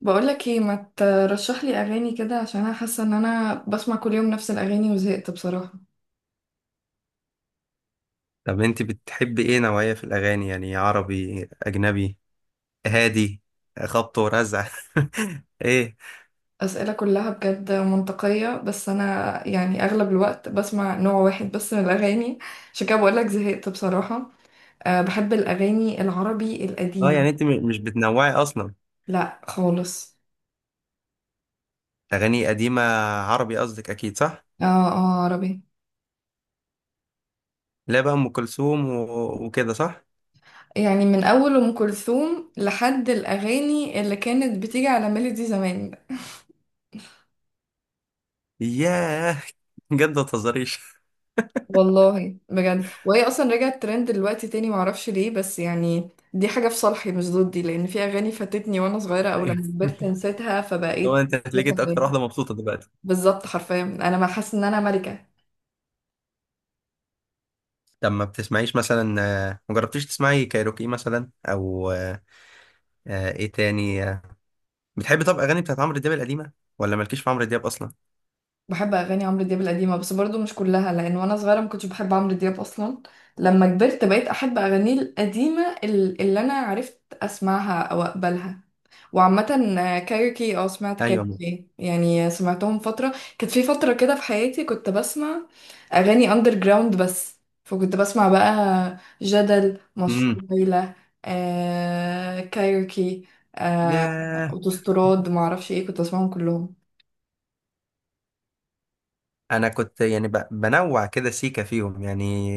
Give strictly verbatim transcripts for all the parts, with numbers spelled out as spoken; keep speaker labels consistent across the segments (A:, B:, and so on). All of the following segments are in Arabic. A: بقولك ايه ما ترشح لي اغاني كده؟ عشان انا حاسه ان انا بسمع كل يوم نفس الاغاني وزهقت بصراحه.
B: طب انت بتحبي ايه نوعية في الاغاني؟ يعني عربي، اجنبي، هادي، خبط ورزع؟ ايه.
A: اسئله كلها بجد منطقيه، بس انا يعني اغلب الوقت بسمع نوع واحد بس من الاغاني، عشان كده بقولك زهقت بصراحه. أه، بحب الاغاني العربي
B: اه،
A: القديمه.
B: يعني انت م- مش بتنوعي اصلا.
A: لا خالص.
B: اغاني قديمة، عربي قصدك اكيد، صح؟
A: اه اه، عربي.
B: لا بقى، ام كلثوم و- وكده، صح؟
A: يعني من اول ام كلثوم لحد الاغاني اللي كانت بتيجي على ميلودي زمان.
B: ياه، بجد ما تهزريش.
A: والله بجد، وهي اصلا رجعت ترند دلوقتي تاني، معرفش ليه، بس يعني دي حاجه في صالحي مش ضدي، لان في اغاني فاتتني وانا صغيره او لما
B: أيوة.
A: كبرت نسيتها
B: هو
A: فبقيت
B: انت هتلاقيك
A: شايفها
B: انت اكتر
A: تاني.
B: واحدة مبسوطة دلوقتي.
A: بالظبط، حرفيا انا ما حاسه ان انا ملكه.
B: طب ما بتسمعيش مثلا؟ آه، ما جربتيش تسمعي كايروكي مثلا؟ او آه، آه، ايه تاني؟ آه، بتحبي طب اغاني بتاعت عمرو دياب القديمة؟ ولا مالكيش في عمرو دياب اصلا؟
A: بحب اغاني عمرو دياب القديمه بس برضو مش كلها، لان وانا صغيره ما كنتش بحب عمرو دياب اصلا. لما كبرت بقيت احب اغانيه القديمه ال- اللي انا عرفت اسمعها او اقبلها. وعامه، آه، كايروكي، اه سمعت
B: ايوه.
A: كايروكي، يعني سمعتهم فتره، كانت في فتره كده في حياتي كنت بسمع اغاني اندر جراوند، بس فكنت بسمع بقى جدل، مشروع ليلى، آه كايروكي، آه
B: ياه.
A: اوتوستراد، معرفش ايه، كنت بسمعهم كلهم.
B: انا كنت يعني ب- بنوع كده سيكا فيهم يعني.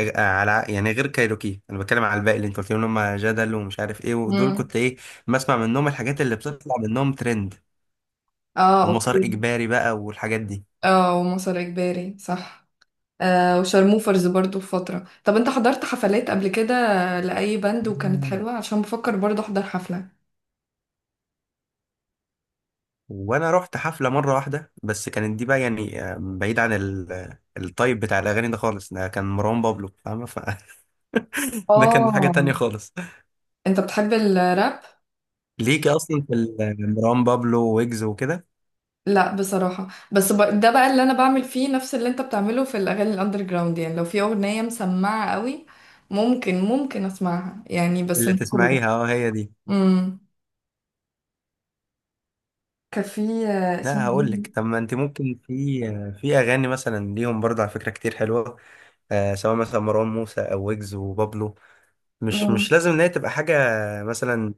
B: أ- على يعني، غير كايروكي، انا بتكلم على الباقي اللي انت قلت لهم إن هم جدل ومش عارف ايه ودول،
A: مم.
B: كنت ايه؟ بسمع منهم الحاجات اللي بتطلع منهم ترند
A: اه
B: ومسار
A: اوكي.
B: اجباري بقى والحاجات دي.
A: اه، ومصر اجباري صح. آه وشارموفرز برضو في فترة. طب انت حضرت حفلات قبل كده لأي باند وكانت
B: مم.
A: حلوة؟ عشان بفكر برضو احضر حفلة.
B: وانا رحت حفله مره واحده، بس كانت دي بقى يعني آه، بعيد عن ال- الطيب بتاع الاغاني ده خالص، ده كان مروان بابلو، فاهمه؟ ف... ده كان حاجه
A: اه،
B: تانية خالص.
A: انت بتحب الراب؟
B: ليكي اصلا في ال- مروان بابلو ويجز وكده؟
A: لا بصراحة، بس ب... ده بقى اللي انا بعمل فيه نفس اللي انت بتعمله في الاغاني الاندر جراوند، يعني لو في اغنية مسمعة قوي ممكن ممكن اسمعها، يعني بس
B: اللي
A: مش كوري.
B: تسمعيها، اه، هي دي.
A: امم، كان في آه، اسمه،
B: لا هقول لك، طب ما انت ممكن في في اغاني مثلا ليهم برضه على فكره كتير حلوه، آه سواء مثلا مروان موسى او ويجز وبابلو. مش
A: امم
B: مش لازم ان هي تبقى حاجه مثلا،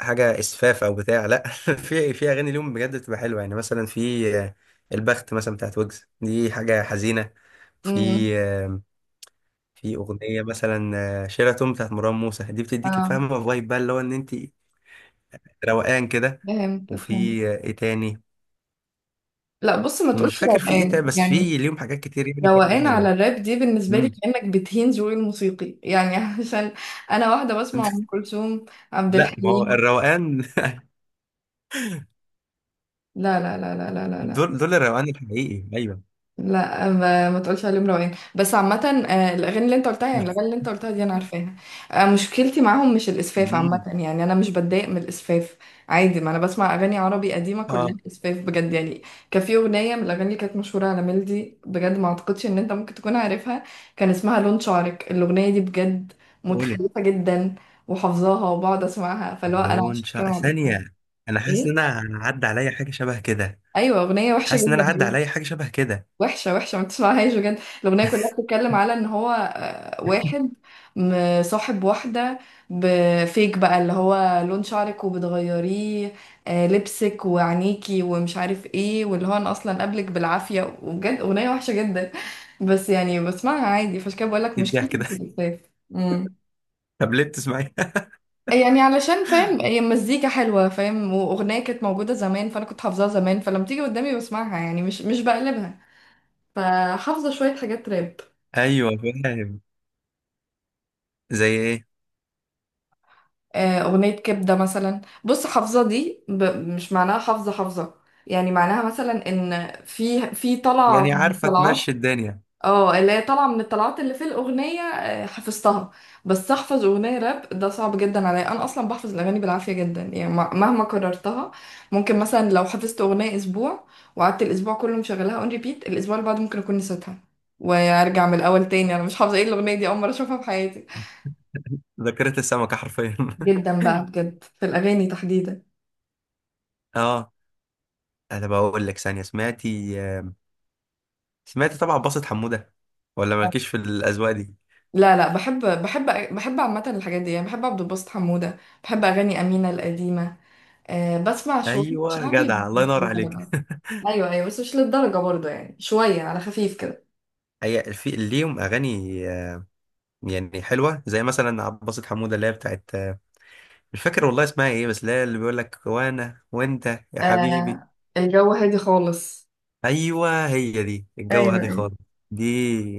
B: حاجه اسفاف او بتاع، لا. في في اغاني ليهم بجد بتبقى حلوه يعني، مثلا في آه، البخت، مثلا بتاعت ويجز، دي حاجه حزينه. في
A: امم
B: آه، في اغنيه مثلا آه، شيراتون، بتاعت مروان موسى، دي بتديكي
A: اه.
B: فاهمه فايب بقى اللي هو ان انت روقان كده.
A: فهمت
B: وفي
A: فهمت.
B: آه، ايه تاني؟
A: لا بص، ما
B: مش
A: تقولش
B: فاكر في ايه تاني،
A: روقان
B: بس
A: يعني.
B: في ليهم حاجات كتير يعني برضه
A: روقان
B: حلوه.
A: على الراب دي بالنسبة لي
B: مم.
A: كأنك بتهين ذوقي الموسيقي يعني عشان أنا واحدة بسمع أم كلثوم، عبد
B: لا، ما هو
A: الحليم.
B: الروقان.
A: لا لا لا لا لا لا لا
B: دول، دول الروقان الحقيقي، ايوه.
A: لا ما, ما تقولش عليهم روقان. بس عامة، آه، الأغاني اللي أنت قلتها، يعني الأغاني اللي أنت قلتها دي أنا عارفاها. آه، مشكلتي معاهم مش الإسفاف، عامة
B: مم.
A: يعني أنا مش بتضايق من الإسفاف، عادي، ما أنا بسمع أغاني عربي قديمة كلها
B: اه،
A: إسفاف بجد يعني. كان في أغنية من الأغاني اللي كانت مشهورة على ميلدي بجد ما أعتقدش إن أنت ممكن تكون عارفها، كان اسمها لون شعرك. الأغنية دي بجد
B: قولي.
A: متخلفة جدا، وحافظاها وبقعد أسمعها، فاللي هو أنا
B: لون
A: عشان كده
B: شعر
A: ما بعرفهاش.
B: ثانية؟ انا حاسس ان
A: إيه؟
B: انا عدى عليا حاجة شبه كده.
A: أيوة، أغنية وحشة
B: حاسس ان انا
A: جدا،
B: عدى عليا حاجة شبه كده.
A: وحشة وحشة، ما تسمعهاش بجد. الأغنية كلها بتتكلم على إن هو آه، واحد مصاحب واحدة، بفيك بقى، اللي هو لون شعرك وبتغيريه آه، لبسك وعينيكي ومش عارف ايه، واللي هو أنا أصلا قبلك بالعافية، وبجد أغنية وحشة جدا، بس يعني بسمعها عادي، فعشان كده بقولك
B: ايه
A: مشكلتي
B: الضحك ده؟
A: مش الاكتئاب. أمم.
B: طب ليه بتسمعي؟
A: يعني علشان فاهم؟ هي مزيكا حلوة فاهم، وأغنية كانت موجودة زمان فأنا كنت حافظاها زمان، فلما تيجي قدامي بسمعها، يعني مش مش بقلبها. فحافظة شوية حاجات راب.
B: ايوه، فاهم. زي ايه؟
A: آه، أغنية كبدة مثلا، بص حافظة دي ب... مش معناها حافظة حافظة، يعني معناها مثلا إن في في طلعة
B: يعني،
A: من
B: عارفة
A: الطلعات،
B: تمشي الدنيا.
A: اه اللي هي طالعة من الطلعات اللي في الأغنية، آه، حفظتها. بس أحفظ أغنية راب ده صعب جدا عليا، أنا أصلا بحفظ الأغاني بالعافية جدا يعني م- مهما كررتها. ممكن مثلا لو حفظت أغنية أسبوع وقعدت الأسبوع كله مشغلاها أون ريبيت، الأسبوع اللي بعده ممكن أكون نسيتها وأرجع من الأول تاني، أنا مش حافظة إيه الأغنية دي، أول مرة أشوفها في حياتي،
B: ذاكرة السمكة حرفيا.
A: جدا بقى بجد في الأغاني تحديدا.
B: اه. انا بقول لك، ثانية، سمعتي سمعتي طبعا باصة حمودة؟ ولا مالكيش في الاذواق دي؟
A: لا لا، بحب بحب، بحب عامة الحاجات دي، يعني بحب عبد الباسط حمودة، بحب أغاني أمينة القديمة. أه بسمع شوية
B: ايوه
A: شعبي بس
B: جدع، الله
A: مش
B: ينور عليك.
A: للدرجة. أيوة أيوة، بس مش للدرجة برضه، يعني شوية على خفيف كده.
B: هي في ليهم اغاني آه، يعني حلوه، زي مثلا عباسة حموده، اللي هي بتاعت آه، مش فاكر والله اسمها ايه، بس اللي هي اللي بيقول لك وانا وانت، يا حبيبي.
A: أه، الجو هادي خالص.
B: ايوه، هي دي الجو
A: ايوه
B: هادي
A: ايوه.
B: خالص. دي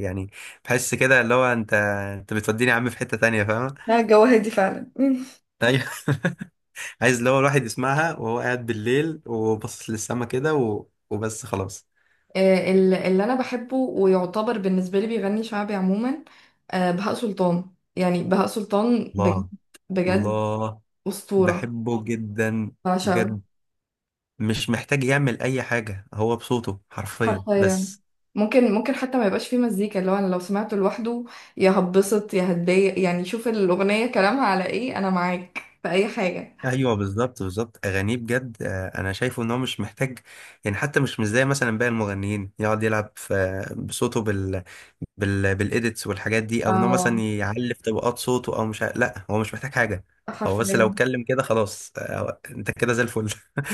B: يعني، بحس كده اللي هو انت انت بتوديني يا عم في حته تانية، فاهمه؟
A: لا الجو هادي فعلا مم.
B: ايوه. عايز اللي هو الواحد يسمعها وهو قاعد بالليل وباصص للسما كده، و... وبس خلاص.
A: أه ال- اللي أنا بحبه ويعتبر بالنسبة لي بيغني شعبي عموما، أه بهاء سلطان، يعني بهاء سلطان بجد،
B: الله،
A: بجد
B: الله،
A: أسطورة،
B: بحبه جدا،
A: بعشقه
B: بجد. مش محتاج يعمل اي حاجة، هو بصوته حرفيا
A: حرفيا.
B: بس.
A: ممكن ممكن حتى ما يبقاش فيه مزيكا، اللي هو انا لو سمعته لوحده، يا هتبسط يا هتضايق، يعني شوف الاغنيه كلامها على ايه، انا معاك في اي حاجه.
B: ايوه بالظبط، بالظبط اغانيه بجد، آه، انا شايفه ان هو مش محتاج يعني، حتى مش مش زي مثلا باقي المغنيين يقعد يلعب في بصوته بال بال بالايديتس والحاجات دي، او ان هو مثلا
A: اه
B: يعلي في طبقات صوته، او مش ع- لا، هو مش محتاج حاجه. هو بس لو
A: حرفيا.
B: اتكلم كده، خلاص، آه، انت كده زي الفل.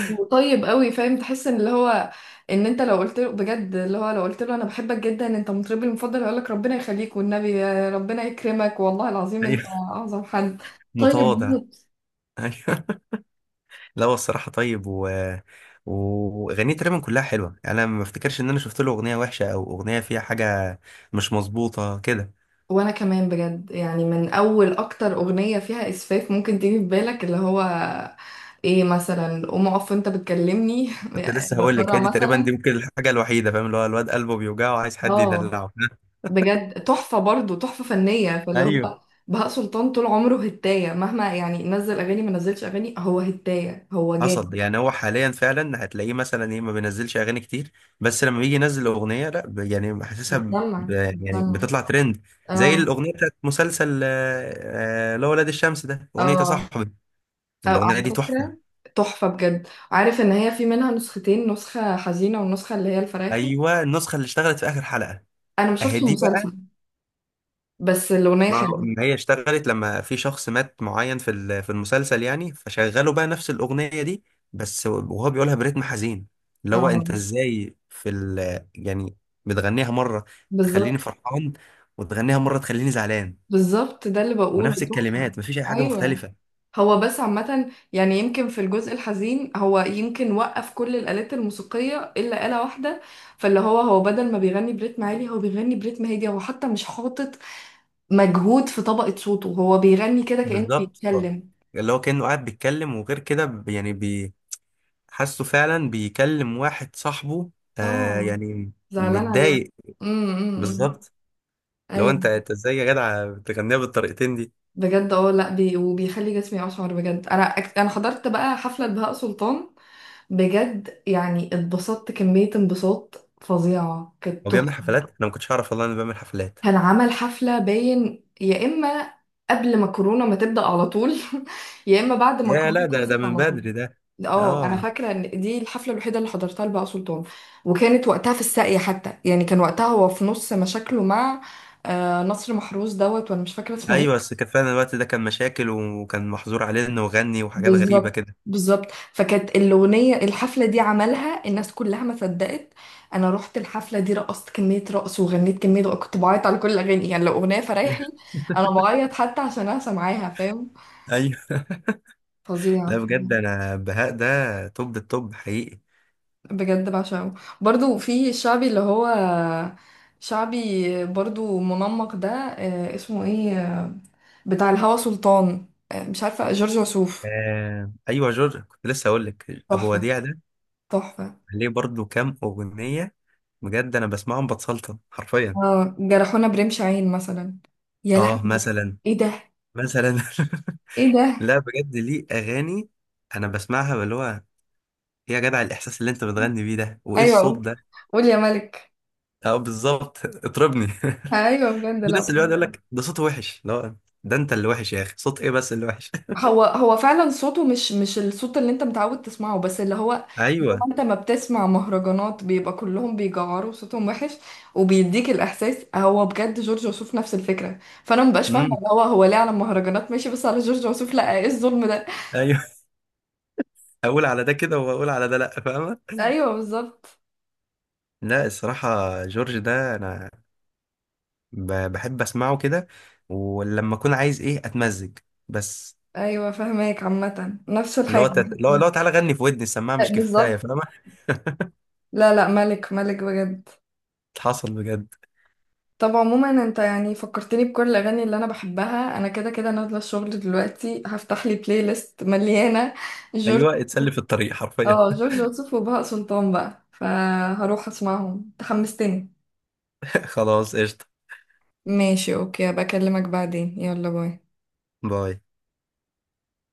A: وطيب قوي فاهم، تحس ان اللي هو ان انت لو قلت له بجد، اللي هو لو قلت له انا بحبك جدا انت مطربي المفضل، هيقول لك ربنا يخليك والنبي، يا ربنا يكرمك والله العظيم
B: ايوه،
A: انت اعظم حد. طيب.
B: متواضع، ايوه. لا هو الصراحه طيب، و واغانيه تقريبا كلها حلوه، يعني انا ما افتكرش ان انا شفت له اغنيه وحشه او اغنيه فيها حاجه مش مظبوطه كده.
A: وانا كمان بجد، يعني من اول اكتر اغنية فيها اسفاف ممكن تيجي في بالك، اللي هو ايه، مثلا قوم اقف انت بتكلمني
B: كنت لسه
A: يا
B: هقول لك، هي
A: ترى
B: دي تقريبا،
A: مثلا.
B: دي ممكن الحاجه الوحيده، فاهم؟ اللي هو الواد قلبه بيوجعه وعايز حد
A: اه،
B: يدلعه.
A: بجد تحفة برضو، تحفة فنية، فاللي
B: ايوه.
A: هو بهاء سلطان طول عمره هتاية، مهما يعني نزل اغاني ما نزلش اغاني، هو هتاية، هو
B: حصل
A: جامد.
B: يعني، هو حاليا فعلا هتلاقيه مثلا ايه، ما بينزلش اغاني كتير، بس لما بيجي ينزل اغنيه، لا ب- يعني حاسسها، ب-
A: بتسمع
B: يعني
A: بتسمع،
B: بتطلع ترند، زي
A: اه
B: الاغنيه بتاعت مسلسل آه، آه، اللي هو ولاد الشمس ده، اغنيه يا
A: اه.
B: صاحبي.
A: أو
B: الاغنيه دي
A: على
B: تحفه.
A: فكرة، تحفة بجد، عارف ان هي في منها نسختين، نسخة حزينة والنسخة اللي هي الفرايحي.
B: ايوه، النسخه اللي اشتغلت في اخر حلقه،
A: انا ما
B: اهي
A: شفتش
B: دي.
A: المسلسل بس الأغنية
B: ما
A: حلوة.
B: ما هي اشتغلت لما في شخص مات معين في ال- في المسلسل، يعني فشغلوا بقى نفس الأغنية دي، بس وهو بيقولها برتم حزين، اللي هو انت
A: اه
B: ازاي في ال... يعني بتغنيها مرة تخليني
A: بالظبط
B: فرحان، وتغنيها مرة تخليني زعلان،
A: بالظبط، ده اللي بقوله
B: ونفس
A: تحفة.
B: الكلمات مفيش أي حاجة
A: أيوة،
B: مختلفة.
A: هو بس عامة يعني يمكن في الجزء الحزين، هو يمكن وقف كل الآلات الموسيقية إلا آلة واحدة، فاللي هو هو بدل ما بيغني بريتم عالي هو بيغني بريتم هادي، هو حتى مش حاطط مجهود في طبقة صوته، هو بيغني كده كأنه
B: بالظبط، اه.
A: بيتكلم.
B: اللي هو كأنه قاعد بيتكلم، وغير كده ب- يعني بي- حاسه فعلا بيكلم واحد صاحبه، آه
A: اه،
B: يعني
A: زعلان عليه.
B: متضايق.
A: امم أمم. إمم.
B: بالظبط. لو
A: ايوه
B: انت انت ازاي يا جدع بتغنيها بالطريقتين دي؟
A: بجد. اه لا بي، وبيخلي جسمي اشعر بجد. انا أك- انا حضرت بقى حفله بهاء سلطان، بجد يعني اتبسطت كمية انبساط فظيعة، كانت
B: هو بيعمل
A: تحفة.
B: حفلات؟ انا ما كنتش اعرف والله انه بيعمل حفلات.
A: كان عمل حفلة باين، يا إما قبل ما كورونا ما تبدأ على طول يا إما بعد ما
B: يا
A: كورونا
B: لا، ده ده
A: خلصت
B: من
A: على طول.
B: بدري ده.
A: اه انا
B: اه.
A: فاكره ان دي الحفله الوحيده اللي حضرتها لبهاء سلطان، وكانت وقتها في الساقيه حتى، يعني كان وقتها هو في نص مشاكله مع آه، نصر محروس دوت، وانا مش فاكره اسمه
B: ايوه،
A: ايه.
B: بس كان فعلا الوقت ده كان مشاكل، وكان محظور عليه انه يغني وحاجات غريبه
A: بالظبط
B: كده.
A: بالظبط. فكانت الأغنية الحفلة دي عملها، الناس كلها ما صدقت. أنا رحت الحفلة دي، رقصت كمية رقص وغنيت كمية رقص، كنت بعيط على كل الأغاني، يعني لو أغنية
B: ايوه.
A: فرايحي أنا بعيط، حتى عشان أنا سامعاها فاهم.
B: ايوه.
A: فظيع
B: لا
A: فظيع.
B: بجد، انا بهاء ده توب التوب حقيقي.
A: بجد بعشقه. برضو في الشعبي اللي هو شعبي برضو منمق ده، آه، اسمه ايه، بتاع الهوى سلطان، آه، مش عارفة، جورج وسوف.
B: آه. ايوه، جورج، كنت لسه اقول لك ابو
A: تحفة
B: وديع ده،
A: تحفة.
B: عليه برضو كام اغنيه، بجد انا بسمعهم بتسلطن حرفيا.
A: اه جرحونا برمش عين مثلا، يا
B: اه،
A: لهوي
B: مثلا
A: ايه ده،
B: مثلا
A: ايه ده.
B: لا بجد، ليه اغاني انا بسمعها، اللي هو، إيه يا جدع الاحساس اللي انت بتغني بيه ده؟ وايه
A: ايوه
B: الصوت
A: قول،
B: ده؟
A: قول يا ملك.
B: اه بالظبط، اطربني.
A: ايوه بجد.
B: في ناس
A: لا
B: اللي يقعد يقول لك ده صوته وحش، لا، ده انت اللي وحش يا اخي، صوت ايه بس اللي وحش؟
A: هو هو فعلا صوته مش مش الصوت اللي انت متعود تسمعه، بس اللي هو زي ما
B: ايوه.
A: انت ما بتسمع مهرجانات بيبقى كلهم بيجعروا صوتهم وحش وبيديك الاحساس، هو بجد جورج وسوف نفس الفكره، فانا مبقاش فاهمه
B: امم.
A: اللي هو هو ليه على المهرجانات ماشي بس على جورج وسوف لا، ايه الظلم ده.
B: ايوه. اقول على ده كده واقول على ده لا، فاهمه؟
A: ايوه بالظبط.
B: لا الصراحه، جورج ده انا ب- بحب اسمعه كده، ولما اكون عايز ايه اتمزج بس،
A: ايوه فاهماك، عامه نفس
B: اللي هو
A: الحاجه.
B: تت... اللي هو اللي هو تعالى غني في ودني السماعه مش كفايه،
A: بالظبط.
B: فاهمه؟
A: لا لا ملك ملك بجد.
B: حصل بجد،
A: طب عموما، انت يعني فكرتني بكل الاغاني اللي انا بحبها، انا كده كده نازله الشغل دلوقتي، هفتح لي بلاي ليست مليانه جورج.
B: ايوه. اتسلي في الطريق حرفيا.
A: اه جورج وسوف وبهاء سلطان بقى، فهروح اسمعهم، تحمستني.
B: خلاص قشطه.
A: ماشي اوكي، بكلمك بعدين، يلا باي.
B: باي.